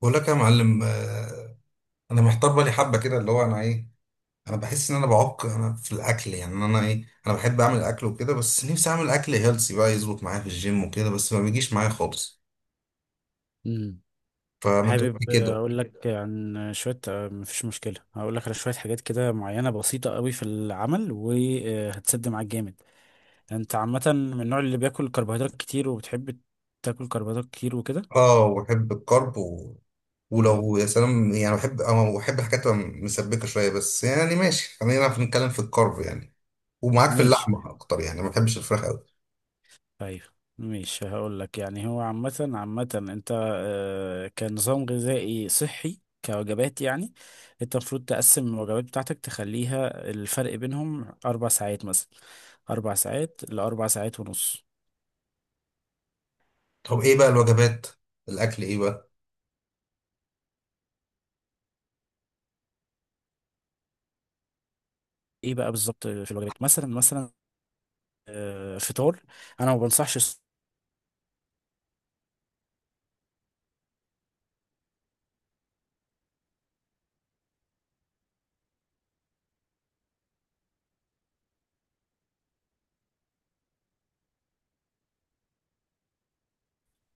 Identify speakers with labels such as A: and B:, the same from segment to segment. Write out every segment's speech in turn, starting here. A: بقول لك يا معلم، انا محتار بالي حبه كده، اللي هو انا بحس ان انا في الاكل. يعني انا بحب اعمل اكل وكده، بس نفسي اعمل اكل هيلسي بقى يظبط معايا في الجيم وكده، بس ما بيجيش معايا خالص.
B: مم.
A: فما تقول لي
B: حابب
A: كده.
B: اقول لك عن شويه، مفيش مشكله، هقول لك على شويه حاجات كده معينه بسيطه قوي في العمل وهتسد معاك جامد. انت عامه من النوع اللي بياكل كربوهيدرات كتير وبتحب تاكل كربوهيدرات كتير وكده.
A: اه، وبحب الكرب
B: امم
A: ولو يا سلام، يعني بحب، بحب الحاجات تبقى مسبكه شويه، بس يعني ماشي، خلينا نتكلم في الكرب يعني، ومعاك في
B: ماشي،
A: اللحمه اكتر، يعني ما بحبش الفراخ قوي.
B: طيب، ماشي. هقول لك، يعني هو عامه عامه انت كنظام غذائي صحي كوجبات يعني، انت المفروض تقسم الوجبات بتاعتك تخليها الفرق بينهم 4 ساعات مثلا، 4 ساعات لـ4 ساعات ونص.
A: طب ايه بقى الوجبات؟ الاكل ايه بقى؟
B: ايه بقى بالظبط في الوجبات؟ مثلا فطار، انا ما بنصحش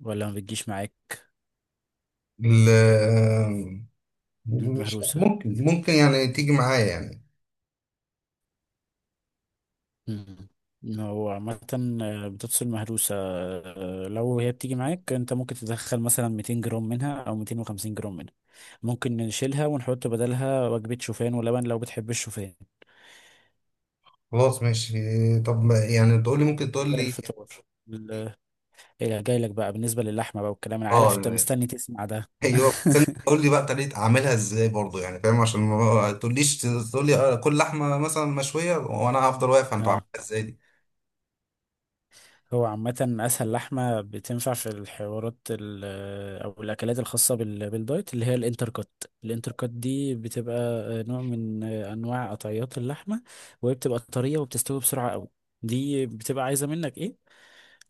B: ولا ما بتجيش معاك
A: ال- مش
B: المهروسه.
A: ممكن يعني تيجي معايا يعني.
B: مم. إن هو عامة بتفصل مهروسة، لو هي بتيجي معاك انت، ممكن تدخل مثلا 200 جرام منها او 250 جرام منها. ممكن نشيلها ونحط بدلها وجبة شوفان ولبن لو بتحب الشوفان.
A: خلاص ماشي. طب يعني تقول لي، ممكن تقول
B: ده
A: لي.
B: الفطار. ال- إيه، جاي لك بقى بالنسبة للحمة بقى والكلام، انا عارف انت
A: اه،
B: مستني تسمع ده
A: ايوه، بس انت تقول لي بقى طريقه اعملها ازاي برضه، يعني فاهم، عشان ما تقوليش تقول لي كل لحمه مثلا مشويه وانا هفضل واقف انت
B: اه،
A: عاملها ازاي دي.
B: هو عامة أسهل لحمة بتنفع في الحوارات أو الأكلات الخاصة بالدايت اللي هي الانتركوت. الانتركوت دي بتبقى نوع من أنواع قطعيات اللحمة، وهي بتبقى طرية وبتستوي بسرعة أوي. دي بتبقى عايزة منك إيه؟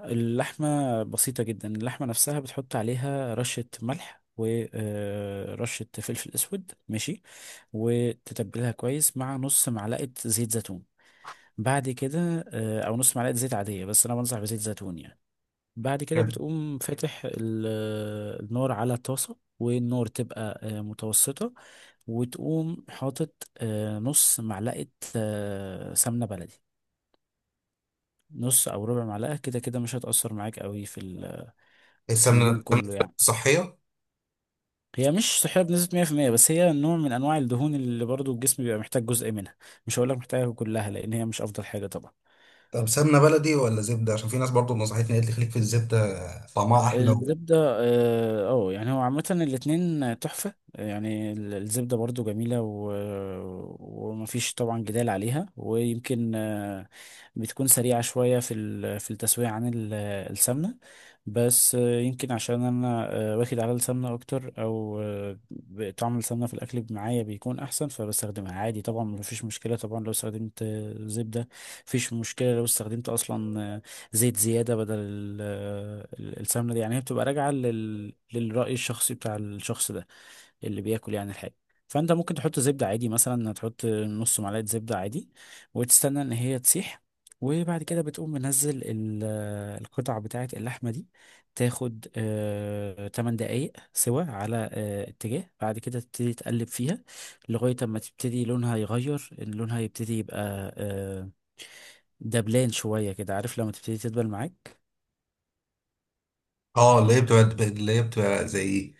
B: اللحمة بسيطة جدا، اللحمة نفسها بتحط عليها رشة ملح ورشة فلفل أسود، ماشي، وتتبلها كويس مع نص معلقة زيت زيتون. بعد كده او نص معلقه زيت عاديه، بس انا بنصح بزيت زيتون يعني. بعد كده
A: يعني
B: بتقوم فاتح النار على طاسة، والنار تبقى متوسطة، وتقوم حاطط نص معلقة سمنة بلدي. نص أو ربع معلقة كده كده مش هتأثر معاك قوي في في
A: السمنه
B: اليوم
A: السمنة
B: كله يعني.
A: صحيه؟
B: هي مش صحية بنسبة 100% بس هي نوع من أنواع الدهون اللي برضو الجسم بيبقى محتاج جزء منها. مش هقولك محتاجها كلها، لأن هي مش أفضل حاجة طبعا.
A: طب سمنه بلدي ولا زبده؟ عشان في ناس برضه نصحتني، قالت لي خليك في الزبده، طعمها احلى
B: الزبدة، اه، يعني هو عامة الاتنين تحفة يعني، الزبدة برضو جميلة، و... ومفيش طبعا جدال عليها. ويمكن بتكون سريعة شوية في ال... في التسوية عن السمنة، بس يمكن عشان أنا واخد على السمنة أكتر، أو طعم السمنة في الأكل معايا بيكون أحسن، فبستخدمها عادي. طبعا مفيش مشكلة طبعا لو استخدمت زبدة. مفيش مشكلة لو استخدمت أصلا زيت زيادة بدل السمنة دي. يعني هي بتبقى راجعة لل... للرأي الشخصي بتاع الشخص ده اللي بياكل يعني الحاجة. فأنت ممكن تحط زبدة عادي، مثلا تحط نص معلقة زبدة عادي، وتستنى إن هي تسيح، وبعد كده بتقوم منزل القطع بتاعة اللحمة دي. تاخد 8 دقايق سوا على اتجاه، بعد كده تبتدي تقلب فيها لغاية ما تبتدي لونها يغير، إن لونها يبتدي يبقى آه دبلان شوية كده، عارف لما تبتدي تدبل معاك.
A: اه. اللي هي بتبقى زي،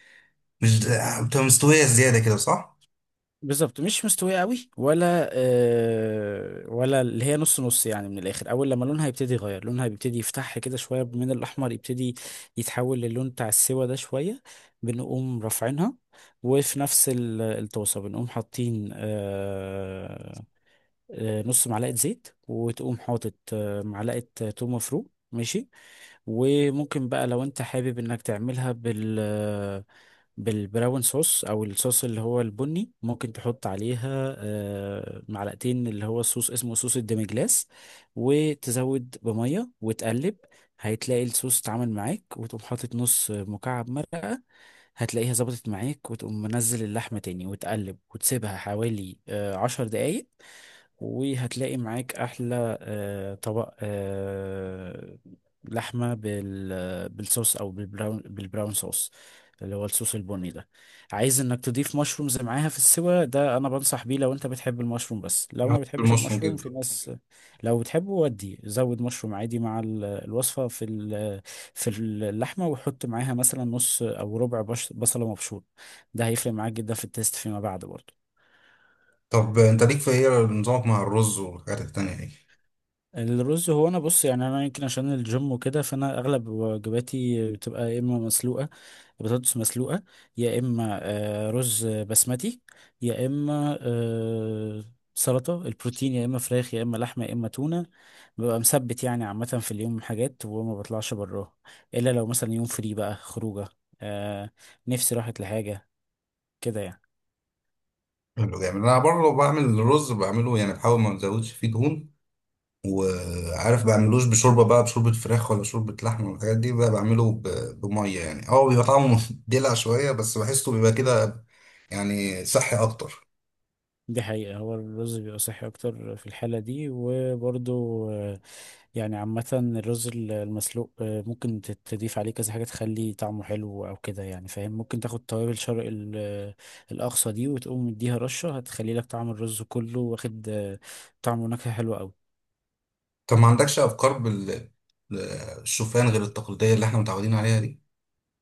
A: مش بتبقى مستوية زيادة كده، صح؟
B: بالظبط، مش مستوية قوي ولا ولا اللي هي نص نص يعني. من الآخر، أول لما لونها يبتدي يغير، لونها بيبتدي يفتح كده شوية من الأحمر، يبتدي يتحول للون بتاع السوا ده شوية. بنقوم رافعينها، وفي نفس الطاسة بنقوم حاطين نص معلقة زيت، وتقوم حاطط معلقة توم مفروم، ماشي. وممكن بقى لو انت حابب انك تعملها بال بالبراون صوص، او الصوص اللي هو البني، ممكن تحط عليها معلقتين اللي هو الصوص، اسمه صوص الديمجلاس، وتزود بمية وتقلب، هتلاقي الصوص اتعمل معاك. وتقوم حاطط نص مكعب مرق، هتلاقيها ظبطت معاك، وتقوم منزل اللحمة تاني وتقلب وتسيبها حوالي 10 دقايق، وهتلاقي معاك احلى طبق لحمه بالصوص، او بالبراون صوص اللي هو الصوص البني ده. عايز انك تضيف مشرومز معاها في السوا ده، انا بنصح بيه لو انت بتحب المشروم، بس لو ما بتحبش
A: المشروم
B: المشروم
A: جدا.
B: في ناس. لو بتحبه ودي، زود مشروم عادي مع الوصفه في في اللحمه، وحط معاها مثلا نص او ربع بصله مبشور، ده هيفرق معاك جدا في التيست فيما بعد برضه.
A: طب انت ليك في ايه نظامك مع الرز والحاجات التانية دي؟
B: الرز، هو انا بص يعني، انا يمكن عشان الجيم وكده فانا اغلب وجباتي بتبقى يا اما مسلوقه، بطاطس مسلوقه، يا اما رز بسمتي، يا اما سلطه البروتين، يا اما فراخ، يا اما لحمه، يا اما تونه. ببقى مثبت يعني عامه في اليوم حاجات وما بطلعش براها، الا لو مثلا يوم فري بقى خروجه آه، نفسي راحت لحاجه كده يعني.
A: حلو جامد. انا برضه بعمل الرز، بعمله يعني بحاول ما ازودش فيه دهون، وعارف بعملوش بشوربه بقى، بشوربه فراخ ولا شوربه لحمه والحاجات دي بقى، بعمله بميه يعني، اه بيبقى طعمه دلع شويه، بس بحسه بيبقى كده، يعني صحي اكتر.
B: دي حقيقة، هو الرز بيبقى صحي أكتر في الحالة دي، وبرضه يعني عامة الرز المسلوق ممكن تضيف عليه كذا حاجة تخلي طعمه حلو أو كده يعني، فاهم. ممكن تاخد توابل شرق الأقصى دي، وتقوم مديها رشة، هتخلي لك طعم الرز كله واخد طعم ونكهة حلوة أوي.
A: طب ما عندكش افكار بال بالشوفان غير التقليديه اللي احنا متعودين عليها دي؟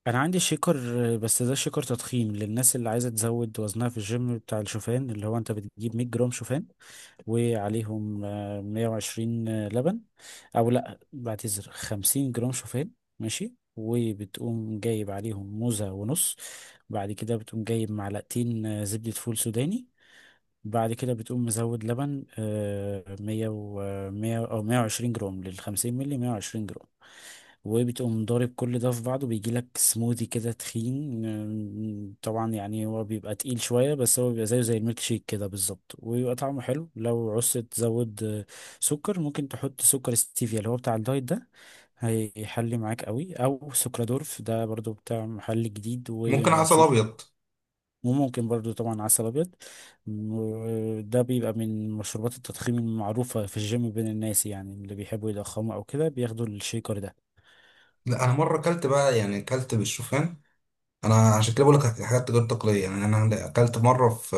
B: أنا عندي شيكر بس ده شيكر تضخيم للناس اللي عايزة تزود وزنها في الجيم، بتاع الشوفان، اللي هو أنت بتجيب 100 جرام شوفان وعليهم 120 لبن، او لا بعتذر، 50 جرام شوفان ماشي، وبتقوم جايب عليهم موزة ونص، بعد كده بتقوم جايب معلقتين زبدة فول سوداني، بعد كده بتقوم مزود لبن مية أو 120 جرام، لـ50 ملي 120 جرام، وبتقوم ضارب كل ده في بعضه، بيجي لك سموذي كده تخين. طبعا يعني هو بيبقى تقيل شوية، بس هو بيبقى زيه زي الميلك شيك كده بالظبط، ويبقى طعمه حلو. لو عوزت تزود سكر، ممكن تحط سكر ستيفيا اللي هو بتاع الدايت ده، هيحلي معاك قوي، او سكرادورف ده برضو بتاع محل جديد
A: ممكن عسل
B: وموثوق.
A: ابيض.
B: وممكن برضو طبعا عسل أبيض. ده بيبقى من مشروبات التضخيم المعروفة في الجيم بين الناس، يعني اللي بيحبوا يضخموا أو كده بياخدوا الشيكر ده.
A: لا، انا مره اكلت بقى، يعني اكلت بالشوفان. انا عشان كده بقول لك حاجات غير تقليديه، يعني انا اكلت مره في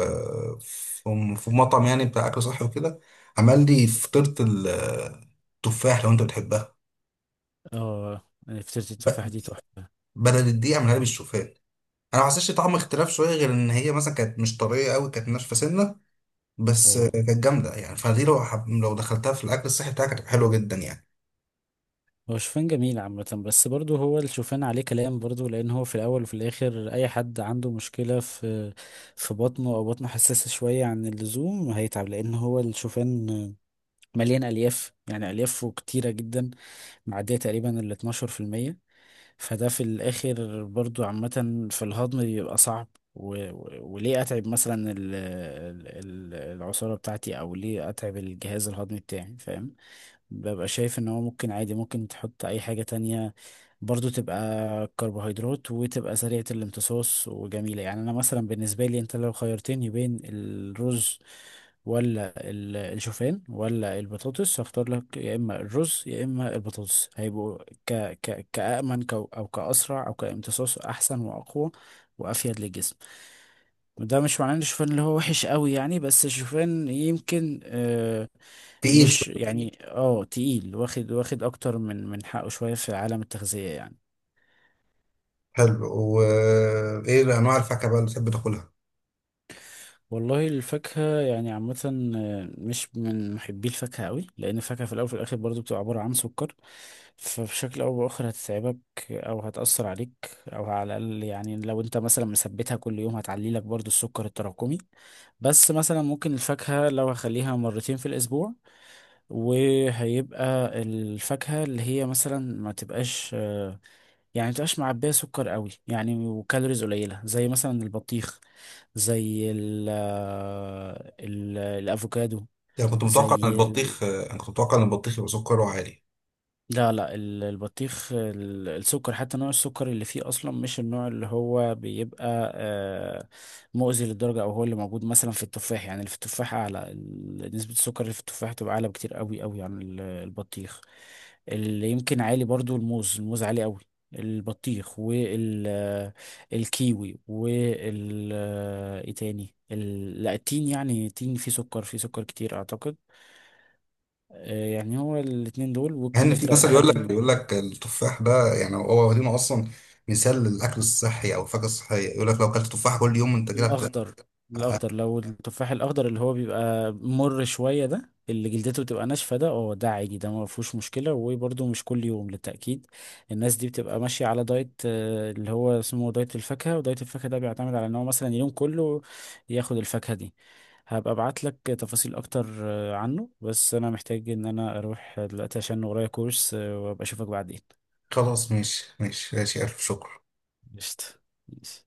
A: في مطعم يعني بتاع اكل صحي وكده، عمل لي فطيره التفاح، لو انت بتحبها
B: اه، يعني فطيرة التفاح دي تحفة.
A: بدل الدقيق اعملها لي بالشوفان. انا ما حسيتش طعم اختلاف شويه، غير ان هي مثلا كانت مش طريه قوي، كانت ناشفه سنه بس،
B: اه،
A: كانت جامده يعني. فدي لو لو دخلتها في الاكل الصحي بتاعك، هتبقى حلوه جدا يعني.
B: هو شوفان جميل عامة، بس برضه هو الشوفان عليه كلام برضه، لأن هو في الأول وفي الآخر أي حد عنده مشكلة في في بطنه أو بطنه حساسة شوية عن اللزوم هيتعب، لأن هو الشوفان مليان ألياف، يعني أليافه كتيرة جدا، معدية تقريبا ال 12%. فده في الآخر برضو عامة في الهضم بيبقى صعب، و... و... وليه أتعب مثلا العصارة بتاعتي، أو ليه أتعب الجهاز الهضمي بتاعي، فاهم. ببقى شايف ان هو ممكن عادي، ممكن تحط اي حاجة تانية برضو تبقى كربوهيدرات وتبقى سريعة الامتصاص وجميلة. يعني انا مثلا، بالنسبة لي انت لو خيرتني بين الرز ولا الشوفان ولا البطاطس، هختار لك يا اما الرز يا اما البطاطس، هيبقوا ك ك كأمن كو- او كأسرع، او كامتصاص احسن واقوى وافيد للجسم. ده مش معناه ان الشوفان اللي هو وحش قوي يعني، بس الشوفان يمكن
A: تقيل
B: مش
A: شويه.
B: يعني، اه تقيل، واخد واخد اكتر من حقه شوية في عالم التغذية يعني.
A: حلو. وايه انواع الفاكهه بقى اللي بتحب تاكلها؟
B: والله الفاكهة يعني عامة مش من محبي الفاكهة قوي، لأن الفاكهة في الأول وفي الآخر برضو بتبقى عبارة عن سكر، فبشكل أو بآخر هتتعبك أو هتأثر عليك، أو على الأقل يعني لو أنت مثلا مثبتها كل يوم هتعلي لك برضو السكر التراكمي. بس مثلا ممكن الفاكهة لو هخليها مرتين في الأسبوع، وهيبقى الفاكهة اللي هي مثلا ما تبقاش يعني ما تبقاش معبية سكر قوي يعني، وكالوريز قليلة، زي مثلا البطيخ، زي ال الأفوكادو،
A: يعني كنت متوقع ان
B: زي
A: البطيخ، انا كنت متوقع ان البطيخ يبقى سكره عالي.
B: لا البطيخ، السكر حتى نوع السكر اللي فيه اصلا مش النوع اللي هو بيبقى مؤذي للدرجه، او هو اللي موجود مثلا في التفاح يعني، اللي في التفاح اعلى، نسبه السكر اللي في التفاح تبقى اعلى بكتير قوي قوي عن البطيخ. اللي يمكن عالي برضو الموز، الموز عالي قوي. البطيخ والكيوي، وال آه، ايه تاني لا، التين، يعني التين فيه سكر، فيه سكر كتير اعتقد. يعني هو الاتنين دول
A: يعني في
B: والكمثرى إلى
A: مثل، يقول
B: حد
A: لك
B: ما.
A: يقول لك التفاح ده، يعني هو واخدينه اصلا مثال للاكل الصحي او الفاكهه الصحيه، يقول لك لو اكلت تفاح كل يوم انت كده هت-
B: الأخضر، الأخضر، لو التفاح الأخضر اللي هو بيبقى مر شوية ده، اللي جلدته بتبقى ناشفة ده، اه ده عادي، ده ما فيهوش مشكلة، وبرده مش كل يوم للتأكيد. الناس دي بتبقى ماشية على دايت اللي هو اسمه دايت الفاكهة، ودايت الفاكهة ده بيعتمد على ان هو مثلا اليوم كله ياخد الفاكهة دي. هبقى ابعت لك تفاصيل اكتر عنه، بس انا محتاج ان انا اروح دلوقتي عشان ورايا كورس وابقى اشوفك بعدين.
A: خلاص، ماشي ماشي ماشي، الف شكر.
B: قشطة، ماشي.